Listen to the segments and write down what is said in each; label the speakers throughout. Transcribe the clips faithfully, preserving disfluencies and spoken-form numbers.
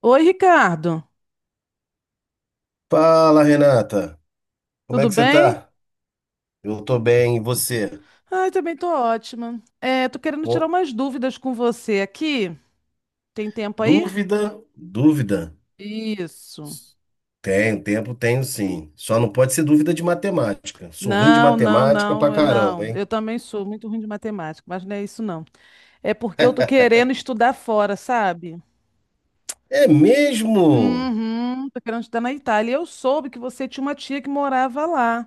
Speaker 1: Oi, Ricardo.
Speaker 2: Fala, Renata. Como é
Speaker 1: Tudo
Speaker 2: que você
Speaker 1: bem?
Speaker 2: tá? Eu tô bem, e você?
Speaker 1: Ai, também tô ótima. É, tô querendo tirar
Speaker 2: Com
Speaker 1: umas dúvidas com você aqui. Tem tempo aí?
Speaker 2: dúvida? Dúvida?
Speaker 1: Isso.
Speaker 2: Tenho, tempo tenho sim. Só não pode ser dúvida de matemática. Sou ruim de
Speaker 1: Não, não,
Speaker 2: matemática pra
Speaker 1: não, eu
Speaker 2: caramba,
Speaker 1: não.
Speaker 2: hein?
Speaker 1: Eu também sou muito ruim de matemática, mas não é isso não. É porque eu tô querendo estudar fora, sabe?
Speaker 2: É mesmo?
Speaker 1: Uhum, tô querendo estudar na Itália. E Eu soube que você tinha uma tia que morava lá.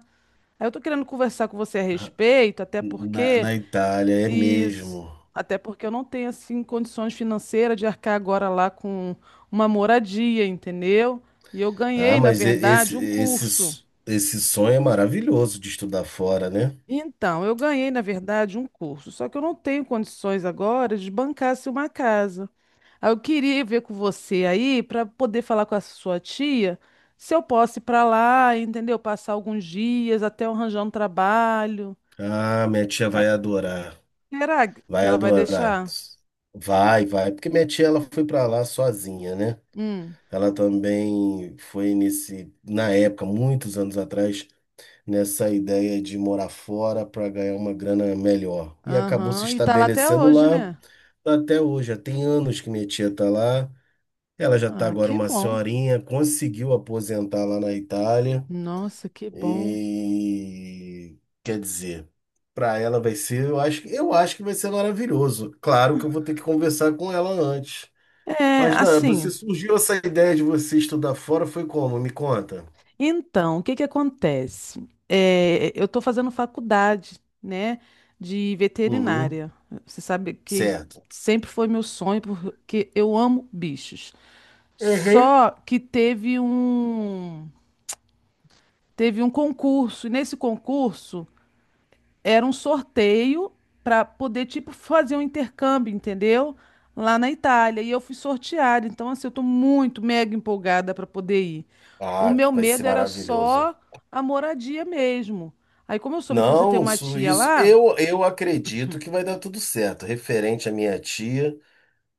Speaker 1: Aí eu tô querendo conversar com você a respeito, até
Speaker 2: Na,
Speaker 1: porque.
Speaker 2: na Itália, é
Speaker 1: Isso.
Speaker 2: mesmo.
Speaker 1: Até porque eu não tenho assim condições financeiras de arcar agora lá com uma moradia, entendeu? E eu
Speaker 2: Ah,
Speaker 1: ganhei, na
Speaker 2: mas e- esse,
Speaker 1: verdade, um curso.
Speaker 2: esse, esse sonho é maravilhoso de estudar fora, né?
Speaker 1: Então, eu ganhei, na verdade, um curso, só que eu não tenho condições agora de bancar se uma casa. Aí eu queria ver com você aí para poder falar com a sua tia se eu posso ir para lá, entendeu? Passar alguns dias até eu arranjar um trabalho.
Speaker 2: Ah, minha tia
Speaker 1: É,
Speaker 2: vai adorar.
Speaker 1: será que
Speaker 2: Vai
Speaker 1: ela vai
Speaker 2: adorar.
Speaker 1: deixar?
Speaker 2: Vai, vai. Porque minha tia, ela foi pra lá sozinha, né?
Speaker 1: Hum.
Speaker 2: Ela também foi nesse, na época, muitos anos atrás, nessa ideia de morar fora para ganhar uma grana melhor. E acabou se
Speaker 1: Aham, e tá lá até
Speaker 2: estabelecendo
Speaker 1: hoje,
Speaker 2: lá
Speaker 1: né?
Speaker 2: até hoje. Já tem anos que minha tia está lá. Ela já está
Speaker 1: Ah,
Speaker 2: agora
Speaker 1: que
Speaker 2: uma
Speaker 1: bom.
Speaker 2: senhorinha, conseguiu aposentar lá na Itália.
Speaker 1: Nossa, que bom.
Speaker 2: E quer dizer, para ela vai ser, eu acho, eu acho que vai ser maravilhoso. Claro que eu vou ter que conversar com ela antes.
Speaker 1: É,
Speaker 2: Mas não, você
Speaker 1: assim,
Speaker 2: surgiu essa ideia de você estudar fora, foi como? Me conta.
Speaker 1: então, o que que acontece? É, eu estou fazendo faculdade, né, de
Speaker 2: Uhum,
Speaker 1: veterinária. Você sabe que
Speaker 2: certo.
Speaker 1: sempre foi meu sonho, porque eu amo bichos.
Speaker 2: Uhum.
Speaker 1: Só que teve um, teve um concurso, e nesse concurso era um sorteio para poder, tipo, fazer um intercâmbio, entendeu? Lá na Itália. E eu fui sorteada. Então, assim, eu tô muito mega empolgada para poder ir. O
Speaker 2: Ah, que
Speaker 1: meu
Speaker 2: vai ser
Speaker 1: medo era
Speaker 2: maravilhoso.
Speaker 1: só a moradia mesmo. Aí, como eu soube que você tem
Speaker 2: Não,
Speaker 1: uma
Speaker 2: isso,
Speaker 1: tia
Speaker 2: isso,
Speaker 1: lá,
Speaker 2: eu, eu acredito que vai dar tudo certo. Referente à minha tia,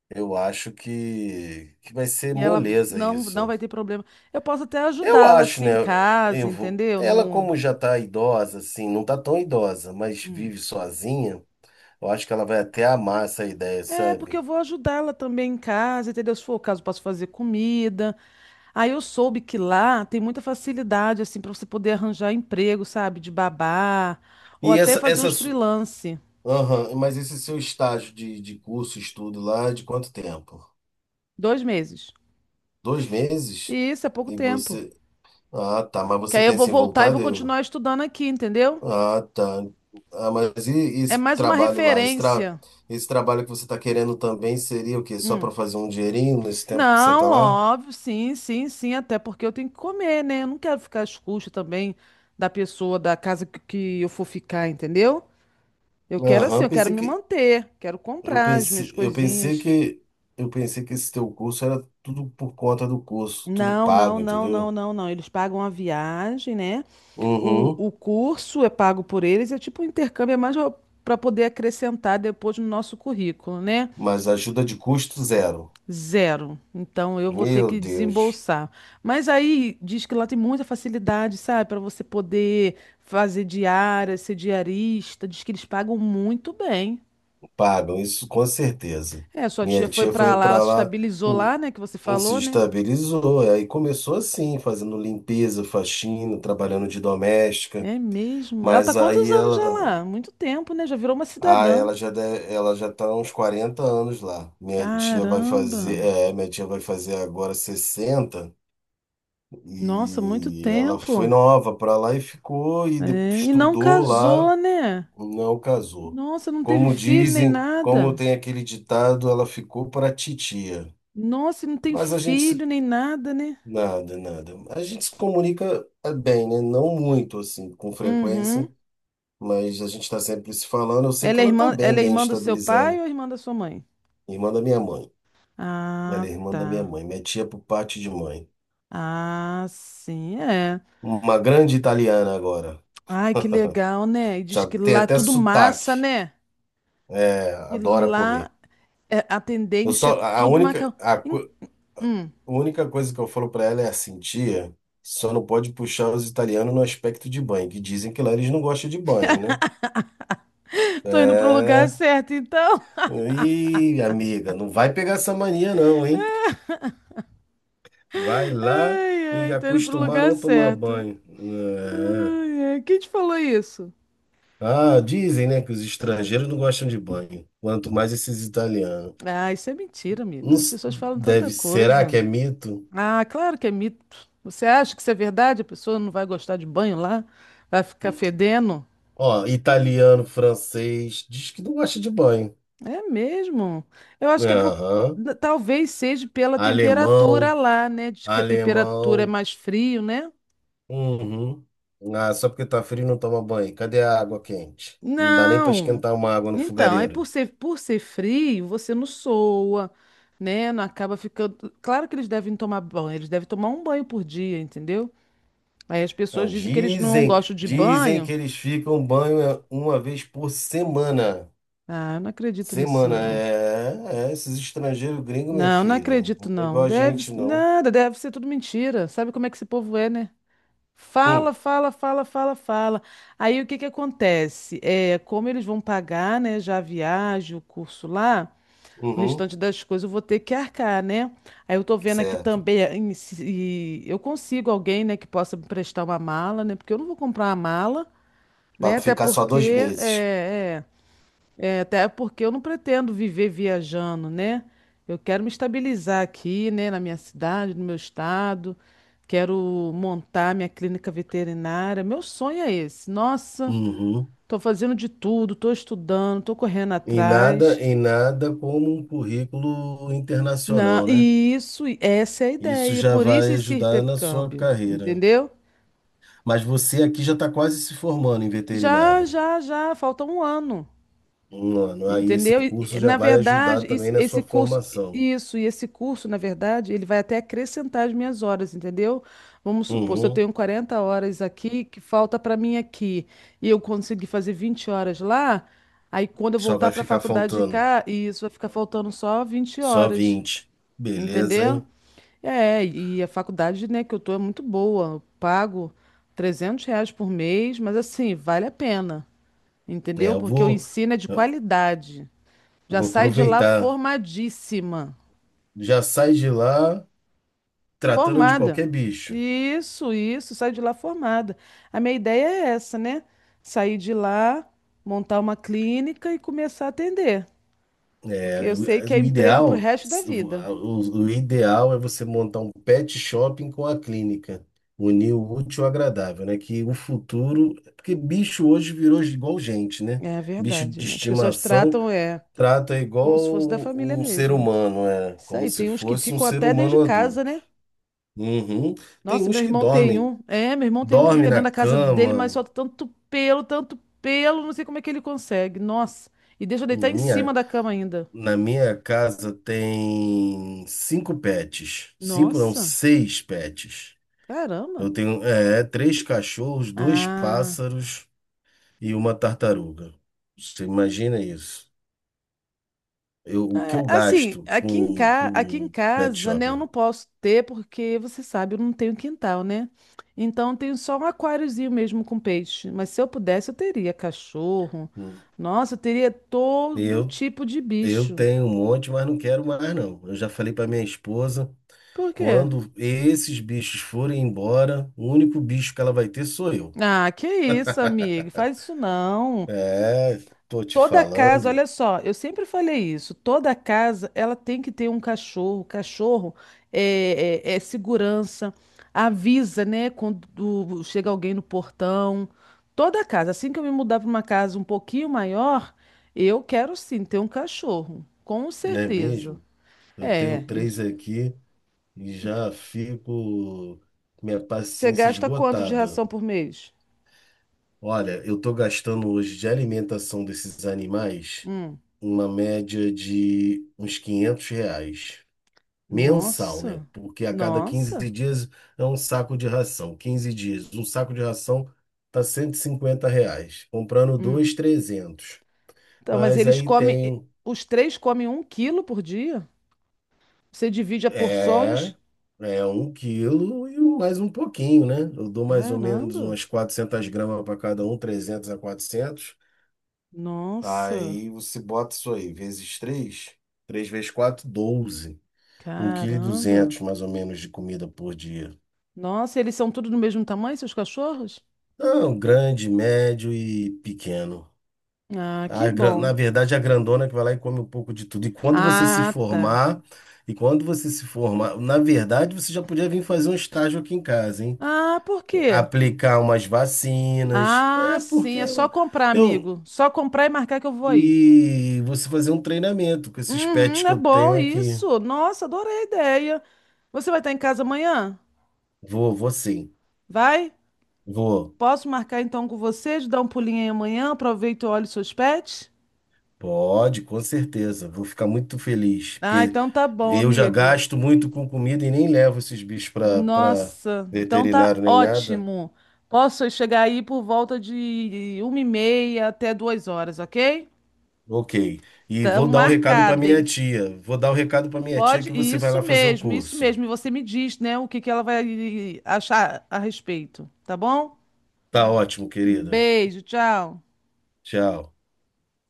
Speaker 2: eu acho que, que vai ser
Speaker 1: e ela
Speaker 2: moleza
Speaker 1: não, não
Speaker 2: isso.
Speaker 1: vai ter problema, eu posso até
Speaker 2: Eu
Speaker 1: ajudá-la,
Speaker 2: acho,
Speaker 1: assim,
Speaker 2: né?
Speaker 1: em casa,
Speaker 2: Eu vou,
Speaker 1: entendeu?
Speaker 2: ela,
Speaker 1: No...
Speaker 2: como já tá idosa, assim, não tá tão idosa, mas
Speaker 1: Hum.
Speaker 2: vive sozinha, eu acho que ela vai até amar essa ideia,
Speaker 1: É, porque eu
Speaker 2: sabe?
Speaker 1: vou ajudá-la também em casa, entendeu? Se for o caso, posso fazer comida. Aí eu soube que lá tem muita facilidade, assim, para você poder arranjar emprego, sabe, de babá, ou
Speaker 2: E
Speaker 1: até
Speaker 2: essa,
Speaker 1: fazer
Speaker 2: essa,
Speaker 1: uns freelance,
Speaker 2: Aham, mas esse seu estágio de, de curso, estudo lá, é de quanto tempo?
Speaker 1: dois meses.
Speaker 2: Dois meses?
Speaker 1: E isso é pouco
Speaker 2: E
Speaker 1: tempo.
Speaker 2: você. Ah, tá. Mas
Speaker 1: Que
Speaker 2: você
Speaker 1: aí eu vou
Speaker 2: pensa em
Speaker 1: voltar e
Speaker 2: voltar,
Speaker 1: vou
Speaker 2: deu?
Speaker 1: continuar estudando aqui, entendeu?
Speaker 2: Ah, tá. Ah, mas e, e
Speaker 1: É
Speaker 2: esse
Speaker 1: mais uma
Speaker 2: trabalho lá? Esse, tra...
Speaker 1: referência.
Speaker 2: esse trabalho que você está querendo também seria o quê? Só para
Speaker 1: Hum.
Speaker 2: fazer um dinheirinho nesse tempo que você está
Speaker 1: Não,
Speaker 2: lá?
Speaker 1: óbvio, sim, sim, sim, até porque eu tenho que comer, né? Eu não quero ficar às custas também da pessoa, da casa que, que eu for ficar, entendeu? Eu quero assim,
Speaker 2: Aham,
Speaker 1: eu quero
Speaker 2: pensei
Speaker 1: me
Speaker 2: que.
Speaker 1: manter, quero
Speaker 2: Eu
Speaker 1: comprar as minhas
Speaker 2: pensei, eu pensei
Speaker 1: coisinhas.
Speaker 2: que. Eu pensei que esse teu curso era tudo por conta do curso, tudo
Speaker 1: Não, não,
Speaker 2: pago,
Speaker 1: não, não,
Speaker 2: entendeu?
Speaker 1: não, não. Eles pagam a viagem, né? O,
Speaker 2: Uhum.
Speaker 1: o curso é pago por eles, é tipo um intercâmbio, é mais para poder acrescentar depois no nosso currículo, né?
Speaker 2: Mas ajuda de custo zero.
Speaker 1: Zero. Então eu vou ter
Speaker 2: Meu
Speaker 1: que
Speaker 2: Deus,
Speaker 1: desembolsar. Mas aí diz que lá tem muita facilidade, sabe? Para você poder fazer diária, ser diarista. Diz que eles pagam muito bem.
Speaker 2: pagam isso com certeza.
Speaker 1: É, sua tia
Speaker 2: Minha
Speaker 1: foi
Speaker 2: tia
Speaker 1: para
Speaker 2: foi
Speaker 1: lá, ela
Speaker 2: para
Speaker 1: se
Speaker 2: lá,
Speaker 1: estabilizou
Speaker 2: hum,
Speaker 1: lá, né? Que você
Speaker 2: hum, se
Speaker 1: falou, né?
Speaker 2: estabilizou, aí começou assim, fazendo limpeza, faxina, trabalhando de doméstica,
Speaker 1: É mesmo. Ela tá há
Speaker 2: mas
Speaker 1: quantos
Speaker 2: aí
Speaker 1: anos já
Speaker 2: ela,
Speaker 1: lá? Muito tempo, né? Já virou uma
Speaker 2: ah,
Speaker 1: cidadã.
Speaker 2: ela já deve- ela já tá há uns quarenta anos lá. Minha tia vai
Speaker 1: Caramba!
Speaker 2: fazer, é, minha tia vai fazer agora sessenta
Speaker 1: Nossa, muito
Speaker 2: e ela foi
Speaker 1: tempo.
Speaker 2: nova para lá e ficou e de-
Speaker 1: É, e não
Speaker 2: estudou lá.
Speaker 1: casou, né?
Speaker 2: Não casou.
Speaker 1: Nossa, não teve
Speaker 2: Como
Speaker 1: filho nem
Speaker 2: dizem, como
Speaker 1: nada.
Speaker 2: tem aquele ditado, ela ficou para titia.
Speaker 1: Nossa, e não tem
Speaker 2: Mas a gente
Speaker 1: filho
Speaker 2: se...
Speaker 1: nem nada, né?
Speaker 2: Nada, nada. A gente se comunica eh, bem, né? Não muito, assim, com frequência,
Speaker 1: Uhum.
Speaker 2: mas a gente está sempre se falando. Eu sei
Speaker 1: Ela
Speaker 2: que
Speaker 1: é
Speaker 2: ela está
Speaker 1: irmã,
Speaker 2: bem,
Speaker 1: ela é
Speaker 2: bem
Speaker 1: irmã do seu pai
Speaker 2: estabilizando.
Speaker 1: ou irmã da sua mãe?
Speaker 2: Irmã da minha mãe. Ela
Speaker 1: Ah,
Speaker 2: é irmã da minha
Speaker 1: tá.
Speaker 2: mãe. Minha tia por parte de mãe.
Speaker 1: Ah, sim, é.
Speaker 2: Uma grande italiana agora.
Speaker 1: Ai, que legal, né? E diz
Speaker 2: Já
Speaker 1: que
Speaker 2: tem
Speaker 1: lá é
Speaker 2: até
Speaker 1: tudo massa,
Speaker 2: sotaque.
Speaker 1: né?
Speaker 2: É,
Speaker 1: E
Speaker 2: adora
Speaker 1: lá
Speaker 2: comer.
Speaker 1: é, a
Speaker 2: Eu
Speaker 1: tendência
Speaker 2: só...
Speaker 1: é
Speaker 2: A
Speaker 1: tudo
Speaker 2: única,
Speaker 1: macarrão.
Speaker 2: a única...
Speaker 1: Hum,
Speaker 2: A única coisa que eu falo pra ela é assim: tia, só não pode puxar os italianos no aspecto de banho, que dizem que lá eles não gostam de banho, né?
Speaker 1: tô indo pro lugar
Speaker 2: É.
Speaker 1: certo, então.
Speaker 2: Ih, amiga, não vai pegar essa mania não, hein? Vai lá
Speaker 1: Ai,
Speaker 2: e
Speaker 1: ai, tá indo pro
Speaker 2: acostumar a
Speaker 1: lugar
Speaker 2: não tomar
Speaker 1: certo.
Speaker 2: banho. É.
Speaker 1: Ai, ai. Quem te falou isso?
Speaker 2: Ah, dizem, né, que os estrangeiros não gostam de banho, quanto mais esses italianos.
Speaker 1: Ah, isso é mentira,
Speaker 2: Não
Speaker 1: amiga. As
Speaker 2: s-
Speaker 1: pessoas falam tanta
Speaker 2: Deve, será que
Speaker 1: coisa.
Speaker 2: é mito?
Speaker 1: Ah, claro que é mito. Você acha que isso é verdade? A pessoa não vai gostar de banho lá? Vai ficar fedendo?
Speaker 2: Ó, italiano, francês, diz que não gosta de banho.
Speaker 1: É mesmo. Eu acho que é por.
Speaker 2: Aham.
Speaker 1: n- Talvez seja pela temperatura
Speaker 2: Alemão,
Speaker 1: lá, né? Diz que a temperatura é
Speaker 2: alemão.
Speaker 1: mais frio, né?
Speaker 2: Uhum. Ah, só porque tá frio não toma banho. Cadê a água quente? Não dá nem para
Speaker 1: Não.
Speaker 2: esquentar uma água no
Speaker 1: Então, aí por
Speaker 2: fogareiro.
Speaker 1: ser, por ser frio, você não soa, né? Não acaba ficando. Claro que eles devem tomar banho, eles devem tomar um banho por dia, entendeu? Aí as pessoas
Speaker 2: Não,
Speaker 1: dizem que eles não
Speaker 2: dizem,
Speaker 1: gostam de
Speaker 2: dizem que
Speaker 1: banho.
Speaker 2: eles ficam banho uma vez por semana.
Speaker 1: Ah, eu não acredito nisso,
Speaker 2: Semana,
Speaker 1: não.
Speaker 2: é, é, esses estrangeiros gringos, minha
Speaker 1: Não, não
Speaker 2: filha.
Speaker 1: acredito,
Speaker 2: Não é igual
Speaker 1: não.
Speaker 2: a
Speaker 1: Deve,
Speaker 2: gente,
Speaker 1: s-
Speaker 2: não.
Speaker 1: nada, deve ser tudo mentira. Sabe como é que esse povo é, né?
Speaker 2: Hum,
Speaker 1: Fala, fala, fala, fala, fala. Aí o que que acontece? É, como eles vão pagar, né, já a viagem, o curso lá. O
Speaker 2: uhum,
Speaker 1: restante das coisas eu vou ter que arcar, né? Aí eu tô vendo aqui
Speaker 2: certo.
Speaker 1: também eh, em se- e eu consigo alguém, né, que possa me prestar uma mala, né? Porque eu não vou comprar uma mala, né?
Speaker 2: Para
Speaker 1: Até
Speaker 2: ficar só dois
Speaker 1: porque
Speaker 2: meses.
Speaker 1: é, é, é, até porque eu não pretendo viver viajando, né? Eu quero me estabilizar aqui, né, na minha cidade, no meu estado. Quero montar minha clínica veterinária. Meu sonho é esse. Nossa,
Speaker 2: Uhum.
Speaker 1: tô fazendo de tudo, tô estudando, tô correndo
Speaker 2: E nada,
Speaker 1: atrás.
Speaker 2: e nada como um currículo
Speaker 1: Não,
Speaker 2: internacional, né?
Speaker 1: isso, e essa é a
Speaker 2: Isso
Speaker 1: ideia.
Speaker 2: já
Speaker 1: Por isso
Speaker 2: vai
Speaker 1: esse
Speaker 2: ajudar na sua
Speaker 1: intercâmbio,
Speaker 2: carreira.
Speaker 1: entendeu?
Speaker 2: Mas você aqui já está quase se formando em
Speaker 1: Já,
Speaker 2: veterinária.
Speaker 1: já, já, falta um ano,
Speaker 2: Um ano. Aí esse
Speaker 1: entendeu? E,
Speaker 2: curso
Speaker 1: e,
Speaker 2: já
Speaker 1: na
Speaker 2: vai ajudar
Speaker 1: verdade,
Speaker 2: também
Speaker 1: is-
Speaker 2: na sua
Speaker 1: esse curso,
Speaker 2: formação.
Speaker 1: isso, e esse curso, na verdade, ele vai até acrescentar as minhas horas, entendeu? Vamos supor, se eu
Speaker 2: Uhum.
Speaker 1: tenho quarenta horas aqui, que falta para mim aqui, e eu conseguir fazer vinte horas lá, aí quando eu
Speaker 2: Só
Speaker 1: voltar
Speaker 2: vai
Speaker 1: para a
Speaker 2: ficar
Speaker 1: faculdade de
Speaker 2: faltando
Speaker 1: cá, isso vai ficar faltando só vinte
Speaker 2: só
Speaker 1: horas,
Speaker 2: vinte. Beleza,
Speaker 1: entendeu?
Speaker 2: hein?
Speaker 1: É, e a faculdade, né, que eu tô é muito boa. Eu pago trezentos reais por mês, mas assim, vale a pena,
Speaker 2: É,
Speaker 1: entendeu?
Speaker 2: eu
Speaker 1: Porque o
Speaker 2: vou,
Speaker 1: ensino é de qualidade.
Speaker 2: eu
Speaker 1: Já
Speaker 2: vou
Speaker 1: sai de lá
Speaker 2: aproveitar.
Speaker 1: formadíssima.
Speaker 2: Já sai de lá tratando de
Speaker 1: Formada.
Speaker 2: qualquer bicho.
Speaker 1: Isso, isso, sai de lá formada. A minha ideia é essa, né? Sair de lá, montar uma clínica e começar a atender. Porque
Speaker 2: É,
Speaker 1: eu
Speaker 2: o
Speaker 1: sei que é
Speaker 2: o
Speaker 1: emprego pro
Speaker 2: ideal,
Speaker 1: resto da vida.
Speaker 2: o, o ideal é você montar um pet shopping com a clínica, unir o útil ao agradável, né? Que o futuro, porque bicho hoje virou igual gente, né?
Speaker 1: É
Speaker 2: Bicho
Speaker 1: verdade,
Speaker 2: de
Speaker 1: né? As pessoas
Speaker 2: estimação
Speaker 1: tratam, é,
Speaker 2: trata igual
Speaker 1: como se fosse da família
Speaker 2: um ser
Speaker 1: mesmo.
Speaker 2: humano, é,
Speaker 1: Isso
Speaker 2: como
Speaker 1: aí,
Speaker 2: se
Speaker 1: tem uns que
Speaker 2: fosse um
Speaker 1: ficam
Speaker 2: ser
Speaker 1: até dentro de
Speaker 2: humano
Speaker 1: casa,
Speaker 2: adulto.
Speaker 1: né?
Speaker 2: Uhum. Tem
Speaker 1: Nossa, meu
Speaker 2: uns que
Speaker 1: irmão tem
Speaker 2: dormem,
Speaker 1: um. É, meu irmão tem um que
Speaker 2: dorme
Speaker 1: fica
Speaker 2: na
Speaker 1: dentro da casa dele, mas
Speaker 2: cama.
Speaker 1: solta tanto pelo, tanto pelo, não sei como é que ele consegue. Nossa. E deixa eu deitar
Speaker 2: Na
Speaker 1: em
Speaker 2: minha,
Speaker 1: cima da cama ainda.
Speaker 2: na minha casa tem cinco pets, cinco não,
Speaker 1: Nossa,
Speaker 2: seis pets.
Speaker 1: caramba.
Speaker 2: Eu tenho, é, três cachorros, dois
Speaker 1: Ah.
Speaker 2: pássaros e uma tartaruga. Você imagina isso? Eu, o que
Speaker 1: É,
Speaker 2: eu
Speaker 1: assim,
Speaker 2: gasto
Speaker 1: aqui em
Speaker 2: com,
Speaker 1: ca... aqui em
Speaker 2: com pet
Speaker 1: casa, né, eu
Speaker 2: shopping?
Speaker 1: não posso ter, porque você sabe, eu não tenho quintal, né? Então tenho só um aquáriozinho mesmo com peixe. Mas se eu pudesse, eu teria cachorro.
Speaker 2: Hum.
Speaker 1: Nossa, eu teria todo
Speaker 2: Eu,
Speaker 1: tipo de
Speaker 2: eu
Speaker 1: bicho.
Speaker 2: tenho um monte, mas não quero mais, não. Eu já falei para minha esposa,
Speaker 1: Por quê?
Speaker 2: quando esses bichos forem embora, o único bicho que ela vai ter sou eu.
Speaker 1: Ah, que isso, amiga, faz isso não.
Speaker 2: É, tô te
Speaker 1: Toda casa,
Speaker 2: falando,
Speaker 1: olha só, eu sempre falei isso, toda casa ela tem que ter um cachorro. Cachorro é, é- é segurança, avisa, né, quando chega alguém no portão. Toda casa, assim que eu me mudar para uma casa um pouquinho maior, eu quero sim ter um cachorro, com
Speaker 2: é
Speaker 1: certeza.
Speaker 2: mesmo? Eu tenho
Speaker 1: É, e
Speaker 2: três
Speaker 1: de-
Speaker 2: aqui e
Speaker 1: de-
Speaker 2: já fico com minha
Speaker 1: você
Speaker 2: paciência
Speaker 1: gasta quanto de
Speaker 2: esgotada.
Speaker 1: ração por mês?
Speaker 2: Olha, eu tô gastando hoje de alimentação desses animais
Speaker 1: Hum,
Speaker 2: uma média de uns quinhentos reais mensal, né?
Speaker 1: nossa,
Speaker 2: Porque a cada quinze
Speaker 1: nossa.
Speaker 2: dias é um saco de ração. Quinze dias, um saco de ração tá cento e cinquenta reais. Comprando
Speaker 1: Hum.
Speaker 2: dois, trezentos.
Speaker 1: Então, mas
Speaker 2: Mas
Speaker 1: eles
Speaker 2: aí
Speaker 1: comem,
Speaker 2: tem,
Speaker 1: os três comem um quilo por dia? Você divide a
Speaker 2: é,
Speaker 1: porções?
Speaker 2: é um quilo e um- mais um pouquinho, né? Eu dou mais ou menos
Speaker 1: Caramba!
Speaker 2: umas quatrocentas gramas para cada um, trezentos a quatrocentos.
Speaker 1: Nossa!
Speaker 2: Aí você bota isso aí, vezes três três vezes quatro, doze. um vírgula dois
Speaker 1: Caramba!
Speaker 2: kg mais ou menos de comida por dia.
Speaker 1: Nossa, eles são tudo do mesmo tamanho, seus cachorros?
Speaker 2: Não, grande, médio e pequeno.
Speaker 1: Ah, que
Speaker 2: A, gran- na
Speaker 1: bom.
Speaker 2: verdade, a grandona é que vai lá e come um pouco de tudo. E quando você se
Speaker 1: Ah, tá.
Speaker 2: formar, e quando você se formar, na verdade, você já podia vir fazer um estágio aqui em casa, hein?
Speaker 1: Ah, por quê?
Speaker 2: Aplicar umas vacinas.
Speaker 1: Ah,
Speaker 2: É porque
Speaker 1: sim, é só
Speaker 2: eu,
Speaker 1: comprar,
Speaker 2: eu
Speaker 1: amigo. Só comprar e marcar que eu vou aí.
Speaker 2: e você fazer um treinamento com esses pets
Speaker 1: Uhum,
Speaker 2: que
Speaker 1: é
Speaker 2: eu
Speaker 1: bom
Speaker 2: tenho aqui.
Speaker 1: isso. Nossa, adorei a ideia. Você vai estar em casa amanhã?
Speaker 2: Vou, vou sim.
Speaker 1: Vai?
Speaker 2: Vou,
Speaker 1: Posso marcar então com vocês, dar um pulinho aí amanhã, aproveito e olho seus pets?
Speaker 2: pode, com certeza. Vou ficar muito feliz,
Speaker 1: Ah,
Speaker 2: porque
Speaker 1: então tá bom,
Speaker 2: eu já
Speaker 1: amigo.
Speaker 2: gasto muito com comida e nem levo esses bichos para para
Speaker 1: Nossa, então tá
Speaker 2: veterinário nem nada.
Speaker 1: ótimo. Posso chegar aí por volta de uma e meia até duas horas, ok?
Speaker 2: Ok. E
Speaker 1: Então
Speaker 2: vou dar o recado para
Speaker 1: marcado,
Speaker 2: minha
Speaker 1: hein?
Speaker 2: tia. Vou dar o recado para minha tia
Speaker 1: Pode?
Speaker 2: que você vai
Speaker 1: Isso
Speaker 2: lá fazer o
Speaker 1: mesmo, isso
Speaker 2: curso.
Speaker 1: mesmo. E você me diz, né, o que que ela vai achar a respeito, tá bom?
Speaker 2: Tá ótimo, querido.
Speaker 1: Beijo, tchau.
Speaker 2: Tchau.